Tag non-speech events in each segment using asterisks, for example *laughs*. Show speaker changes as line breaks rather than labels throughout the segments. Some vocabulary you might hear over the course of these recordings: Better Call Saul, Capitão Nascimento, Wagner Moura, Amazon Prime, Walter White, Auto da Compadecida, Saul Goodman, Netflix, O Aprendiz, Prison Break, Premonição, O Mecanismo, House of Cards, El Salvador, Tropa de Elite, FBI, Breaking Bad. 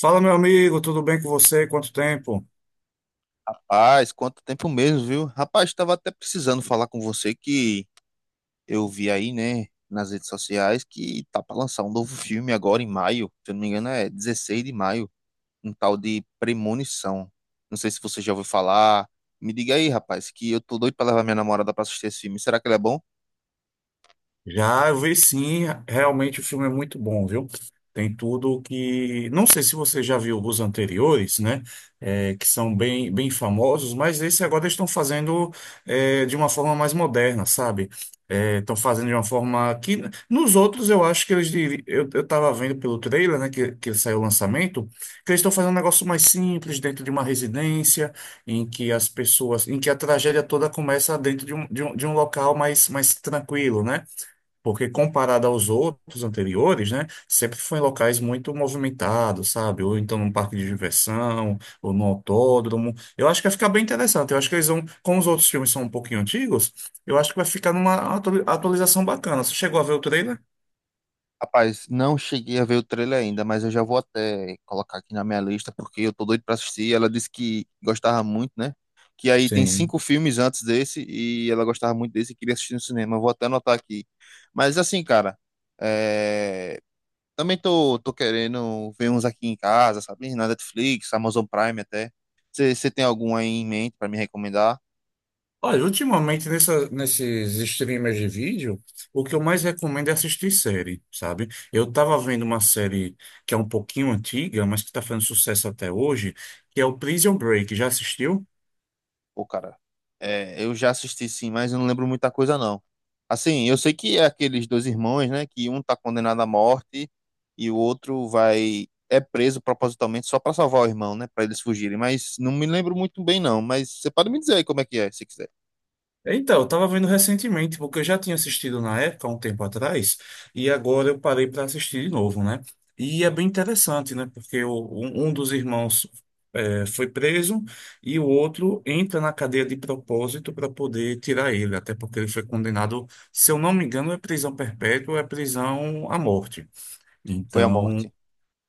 Fala, meu amigo, tudo bem com você? Quanto tempo?
Rapaz, quanto tempo mesmo, viu? Rapaz, estava até precisando falar com você que eu vi aí, né, nas redes sociais que tá para lançar um novo filme agora em maio. Se eu não me engano, é 16 de maio, um tal de Premonição. Não sei se você já ouviu falar. Me diga aí, rapaz, que eu tô doido para levar minha namorada para assistir esse filme. Será que ele é bom?
Já eu vi sim, realmente o filme é muito bom, viu? Tem tudo que. Não sei se você já viu os anteriores, né? Que são bem famosos, mas esse agora eles estão fazendo de uma forma mais moderna, sabe? É, Estão fazendo de uma forma que. Nos outros, eu acho que eles. Eu tava vendo pelo trailer, né? Que saiu o lançamento, que eles estão fazendo um negócio mais simples, dentro de uma residência, em que as pessoas. Em que a tragédia toda começa dentro de um local mais tranquilo, né? Porque comparado aos outros anteriores, né, sempre foi em locais muito movimentados, sabe? Ou então num parque de diversão, ou num autódromo. Eu acho que vai ficar bem interessante. Eu acho que eles vão, como os outros filmes são um pouquinho antigos, eu acho que vai ficar numa atualização bacana. Você chegou a ver o trailer?
Rapaz, não cheguei a ver o trailer ainda, mas eu já vou até colocar aqui na minha lista, porque eu tô doido pra assistir. Ela disse que gostava muito, né? Que aí tem
Sim.
cinco filmes antes desse, e ela gostava muito desse e queria assistir no cinema. Eu vou até anotar aqui. Mas assim, cara, é, também tô querendo ver uns aqui em casa, sabe? Na Netflix, Amazon Prime até. Você tem algum aí em mente pra me recomendar?
Olha, ultimamente nesses streamers de vídeo, o que eu mais recomendo é assistir série, sabe? Eu tava vendo uma série que é um pouquinho antiga, mas que tá fazendo sucesso até hoje, que é o Prison Break. Já assistiu?
Pô, cara, eu já assisti, sim, mas eu não lembro muita coisa, não. Assim, eu sei que é aqueles dois irmãos, né, que um tá condenado à morte e o outro vai é preso propositalmente só pra salvar o irmão, né, pra eles fugirem, mas não me lembro muito bem, não, mas você pode me dizer aí como é que é, se quiser.
Então, eu tava vendo recentemente, porque eu já tinha assistido na época, há um tempo atrás, e agora eu parei para assistir de novo, né? E é bem interessante, né? Um dos irmãos foi preso e o outro entra na cadeia de propósito para poder tirar ele, até porque ele foi condenado, se eu não me engano, é prisão perpétua, é prisão à morte.
Foi a
Então,
morte.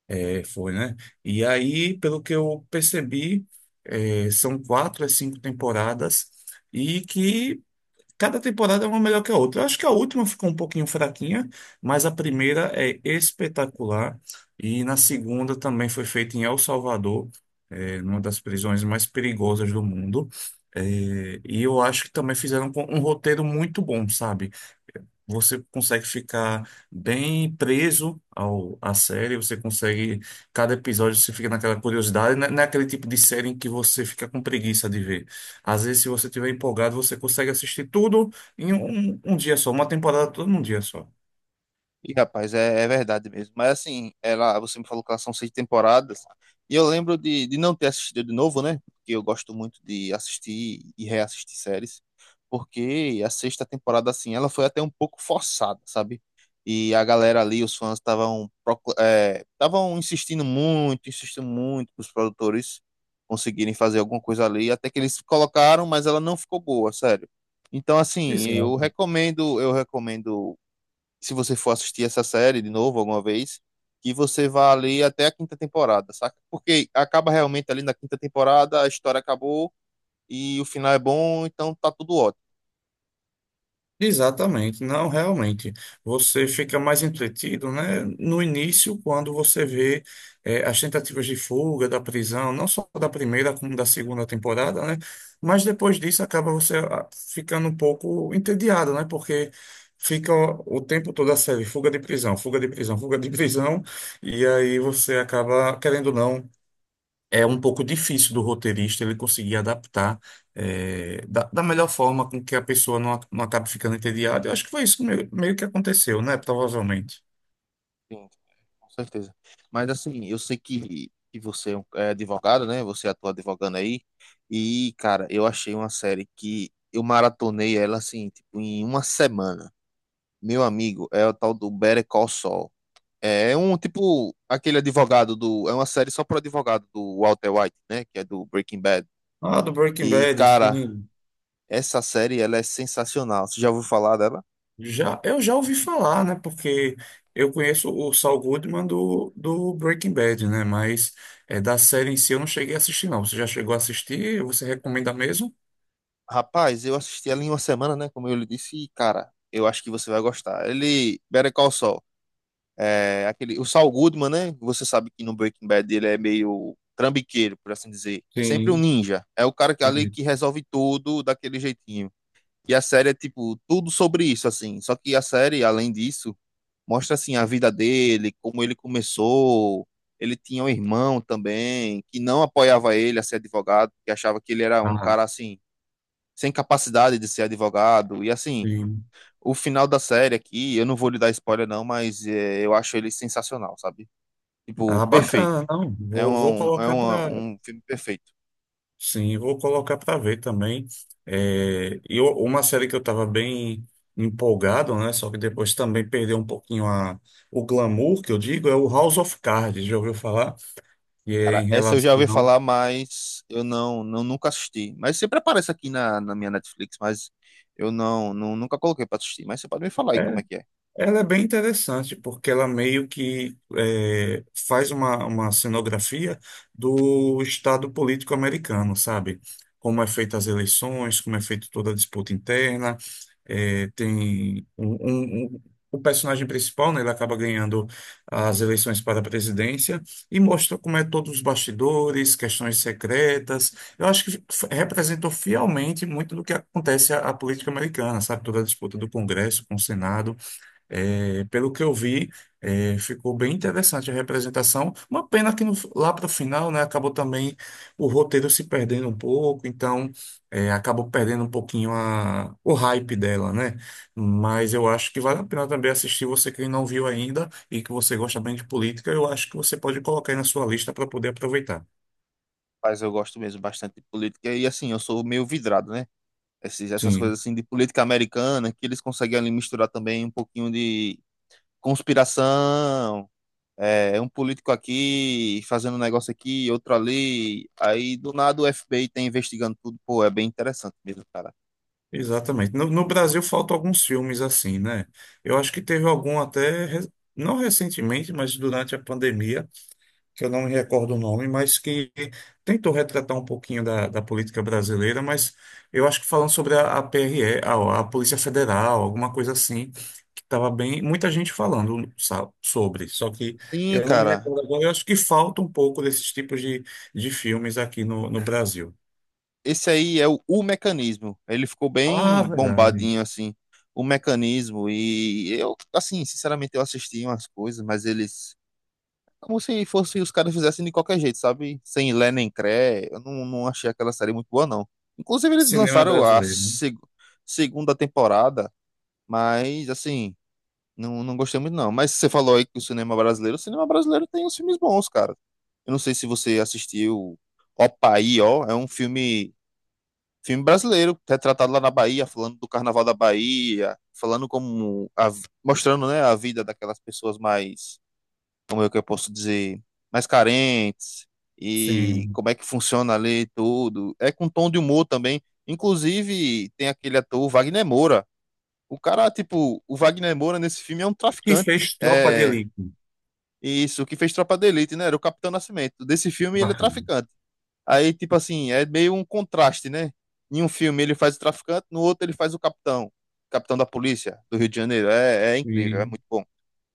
foi, né? E aí, pelo que eu percebi, são quatro a cinco temporadas. E que cada temporada é uma melhor que a outra. Eu acho que a última ficou um pouquinho fraquinha, mas a primeira é espetacular. E na segunda também foi feita em El Salvador, é, numa das prisões mais perigosas do mundo. É, e eu acho que também fizeram um roteiro muito bom, sabe? Você consegue ficar bem preso à série, você consegue, cada episódio você fica naquela curiosidade, não é aquele tipo de série em que você fica com preguiça de ver. Às vezes, se você estiver empolgado, você consegue assistir tudo em um dia só, uma temporada toda num dia só.
E, rapaz, é verdade mesmo. Mas assim, ela, você me falou que elas são 6 temporadas. E eu lembro de não ter assistido de novo, né? Porque eu gosto muito de assistir e reassistir séries. Porque a sexta temporada, assim, ela foi até um pouco forçada, sabe? E a galera ali, os fãs, é, estavam insistindo muito para os produtores conseguirem fazer alguma coisa ali. Até que eles colocaram, mas ela não ficou boa, sério. Então, assim,
Exato.
eu recomendo se você for assistir essa série de novo alguma vez, que você vá ali até a quinta temporada, saca? Porque acaba realmente ali na quinta temporada, a história acabou e o final é bom, então tá tudo ótimo.
Exatamente, não, realmente. Você fica mais entretido, né? No início, quando você vê as tentativas de fuga da prisão, não só da primeira como da segunda temporada, né? Mas depois disso acaba você ficando um pouco entediado, né? Porque fica o tempo todo a série, fuga de prisão, fuga de prisão, fuga de *laughs* prisão, e aí você acaba, querendo ou não, é um pouco difícil do roteirista ele conseguir adaptar da melhor forma com que a pessoa não, não acabe ficando entediada. Eu acho que foi isso que meio que aconteceu, né? Provavelmente.
Sim, com certeza. Mas assim, eu sei que é advogado, né? Você atua advogando aí. E, cara, eu achei uma série que eu maratonei ela assim, tipo, em uma semana. Meu amigo, é o tal do Better Call Saul. É um tipo aquele advogado do. É uma série só pro advogado do Walter White, né? Que é do Breaking Bad.
Ah, do Breaking
E,
Bad,
cara,
sim.
essa série ela é sensacional. Você já ouviu falar dela?
Já, eu já ouvi falar, né? Porque eu conheço o Saul Goodman do Breaking Bad, né? Mas da série em si eu não cheguei a assistir, não. Você já chegou a assistir? Você recomenda mesmo?
Rapaz, eu assisti ela em uma semana, né? Como eu lhe disse, e, cara, eu acho que você vai gostar. Ele. Better Call Saul. É aquele. O Saul Goodman, né? Você sabe que no Breaking Bad ele é meio trambiqueiro, por assim dizer. É sempre um
Sim.
ninja. É o cara que ali
Entendi.
que resolve tudo daquele jeitinho. E a série é, tipo, tudo sobre isso, assim. Só que a série, além disso. Mostra assim a vida dele, como ele começou. Ele tinha um irmão também que não apoiava ele a ser advogado, porque achava que ele era um
Ah,
cara assim sem capacidade de ser advogado. E assim,
sim.
o final da série aqui, eu não vou lhe dar spoiler, não, mas eu acho ele sensacional, sabe? Tipo,
Ah,
perfeito.
bacana, não. Vou, vou colocar para.
Um filme perfeito.
Sim, vou colocar para ver também. É, e uma série que eu estava bem empolgado, né? Só que depois também perdeu um pouquinho o glamour, que eu digo, é o House of Cards, já ouviu falar? E é
Cara,
em
essa eu já ouvi
relação.
falar, mas eu não nunca assisti. Mas sempre aparece aqui na minha Netflix, mas eu não nunca coloquei pra assistir. Mas você pode me falar aí como
É,
é que é.
Ela é bem interessante, porque ela meio que faz uma cenografia do estado político americano, sabe? Como é feita as eleições, como é feita toda a disputa interna. Tem o personagem principal, né, ele acaba ganhando as eleições para a presidência e mostra como é todos os bastidores, questões secretas. Eu acho que representou fielmente muito do que acontece à política americana, sabe? Toda a disputa do Congresso com o Senado. É, pelo que eu vi, é, ficou bem interessante a representação. Uma pena que lá para o final, né, acabou também o roteiro se perdendo um pouco, então é, acabou perdendo um pouquinho o hype dela, né? Mas eu acho que vale a pena também assistir. Você que não viu ainda e que você gosta bem de política, eu acho que você pode colocar aí na sua lista para poder aproveitar.
Mas eu gosto mesmo bastante de política e assim, eu sou meio vidrado, né? Essas
Sim,
coisas assim de política americana que eles conseguem ali misturar também um pouquinho de conspiração, é um político aqui fazendo um negócio aqui, outro ali, aí do nada o FBI tá investigando tudo, pô, é bem interessante mesmo, cara.
exatamente. No Brasil faltam alguns filmes assim, né? Eu acho que teve algum até, não recentemente, mas durante a pandemia, que eu não me recordo o nome, mas que tentou retratar um pouquinho da política brasileira, mas eu acho que falando sobre a Polícia Federal, alguma coisa assim, que estava bem, muita gente falando sobre, só que
Sim,
eu não me
cara,
recordo agora, eu acho que falta um pouco desses tipos de filmes aqui no Brasil.
esse aí é o mecanismo. Ele ficou
Ah,
bem
verdade.
bombadinho assim, o mecanismo e eu, assim, sinceramente eu assisti umas coisas, mas eles como se fosse os caras fizessem de qualquer jeito, sabe? Sem lé nem cré. Eu não achei aquela série muito boa, não. Inclusive, eles
Cinema
lançaram a
brasileiro, né?
segunda temporada, mas assim, não gostei muito, não. Mas você falou aí que o cinema brasileiro tem uns filmes bons, cara. Eu não sei se você assistiu Opa aí, ó. É um filme, filme brasileiro, retratado lá na Bahia, falando do Carnaval da Bahia, falando como. Mostrando, né, a vida daquelas pessoas mais como é que eu posso dizer, mais carentes, e
Sim.
como é que funciona ali tudo. É com tom de humor também. Inclusive, tem aquele ator, Wagner Moura. O cara, tipo, o Wagner Moura nesse filme é um
O que
traficante.
fez Tropa de
É
Elite.
isso, que fez Tropa de Elite, né? Era o Capitão Nascimento. Desse filme ele é
Bacana.
traficante. Aí, tipo assim, é meio um contraste, né? Em um filme ele faz o traficante, no outro ele faz o capitão. Capitão da polícia do Rio de Janeiro. É, é incrível, é muito bom.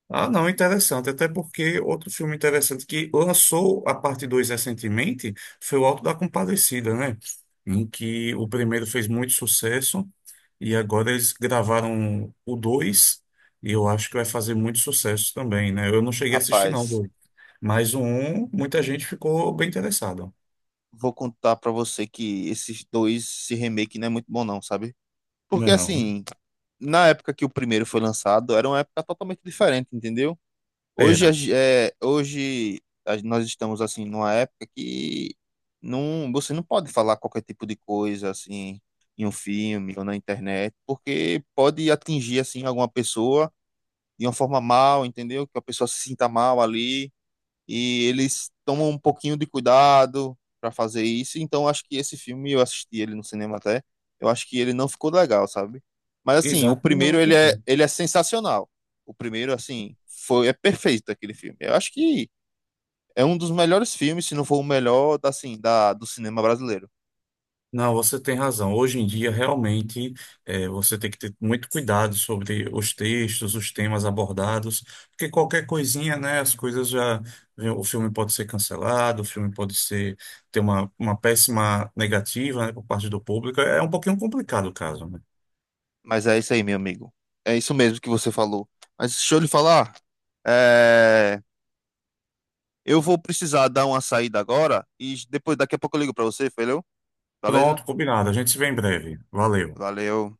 Ah, não, interessante. Até porque outro filme interessante que lançou a parte 2 recentemente foi o Auto da Compadecida, né? Em que o primeiro fez muito sucesso e agora eles gravaram o 2 e eu acho que vai fazer muito sucesso também, né? Eu não cheguei a assistir, não, o
Rapaz,
dois. Mas o um, muita gente ficou bem interessada.
vou contar pra você que esses dois, esse remake não é muito bom, não, sabe?
Não
Porque
é não, né?
assim, na época que o primeiro foi lançado, era uma época totalmente diferente, entendeu? Hoje,
Era.
é, hoje nós estamos assim numa época que não, você não pode falar qualquer tipo de coisa assim em um filme ou na internet, porque pode atingir assim alguma pessoa de uma forma mal, entendeu? Que a pessoa se sinta mal ali e eles tomam um pouquinho de cuidado para fazer isso. Então, acho que esse filme, eu assisti ele no cinema até, eu acho que ele não ficou legal, sabe? Mas assim, o
Exato.
primeiro
Não, perfeito.
ele é sensacional. O primeiro, assim, foi é perfeito aquele filme. Eu acho que é um dos melhores filmes, se não for o melhor, assim, da, do cinema brasileiro.
Não, você tem razão. Hoje em dia, realmente, você tem que ter muito cuidado sobre os textos, os temas abordados, porque qualquer coisinha, né, as coisas já. O filme pode ser cancelado, o filme pode ser ter uma péssima negativa, né, por parte do público. É um pouquinho complicado o caso, né?
Mas é isso aí, meu amigo. É isso mesmo que você falou. Mas deixa eu lhe falar. é, Eu vou precisar dar uma saída agora e depois, daqui a pouco eu ligo pra você, valeu? Beleza?
Pronto, combinado. A gente se vê em breve. Valeu.
Valeu.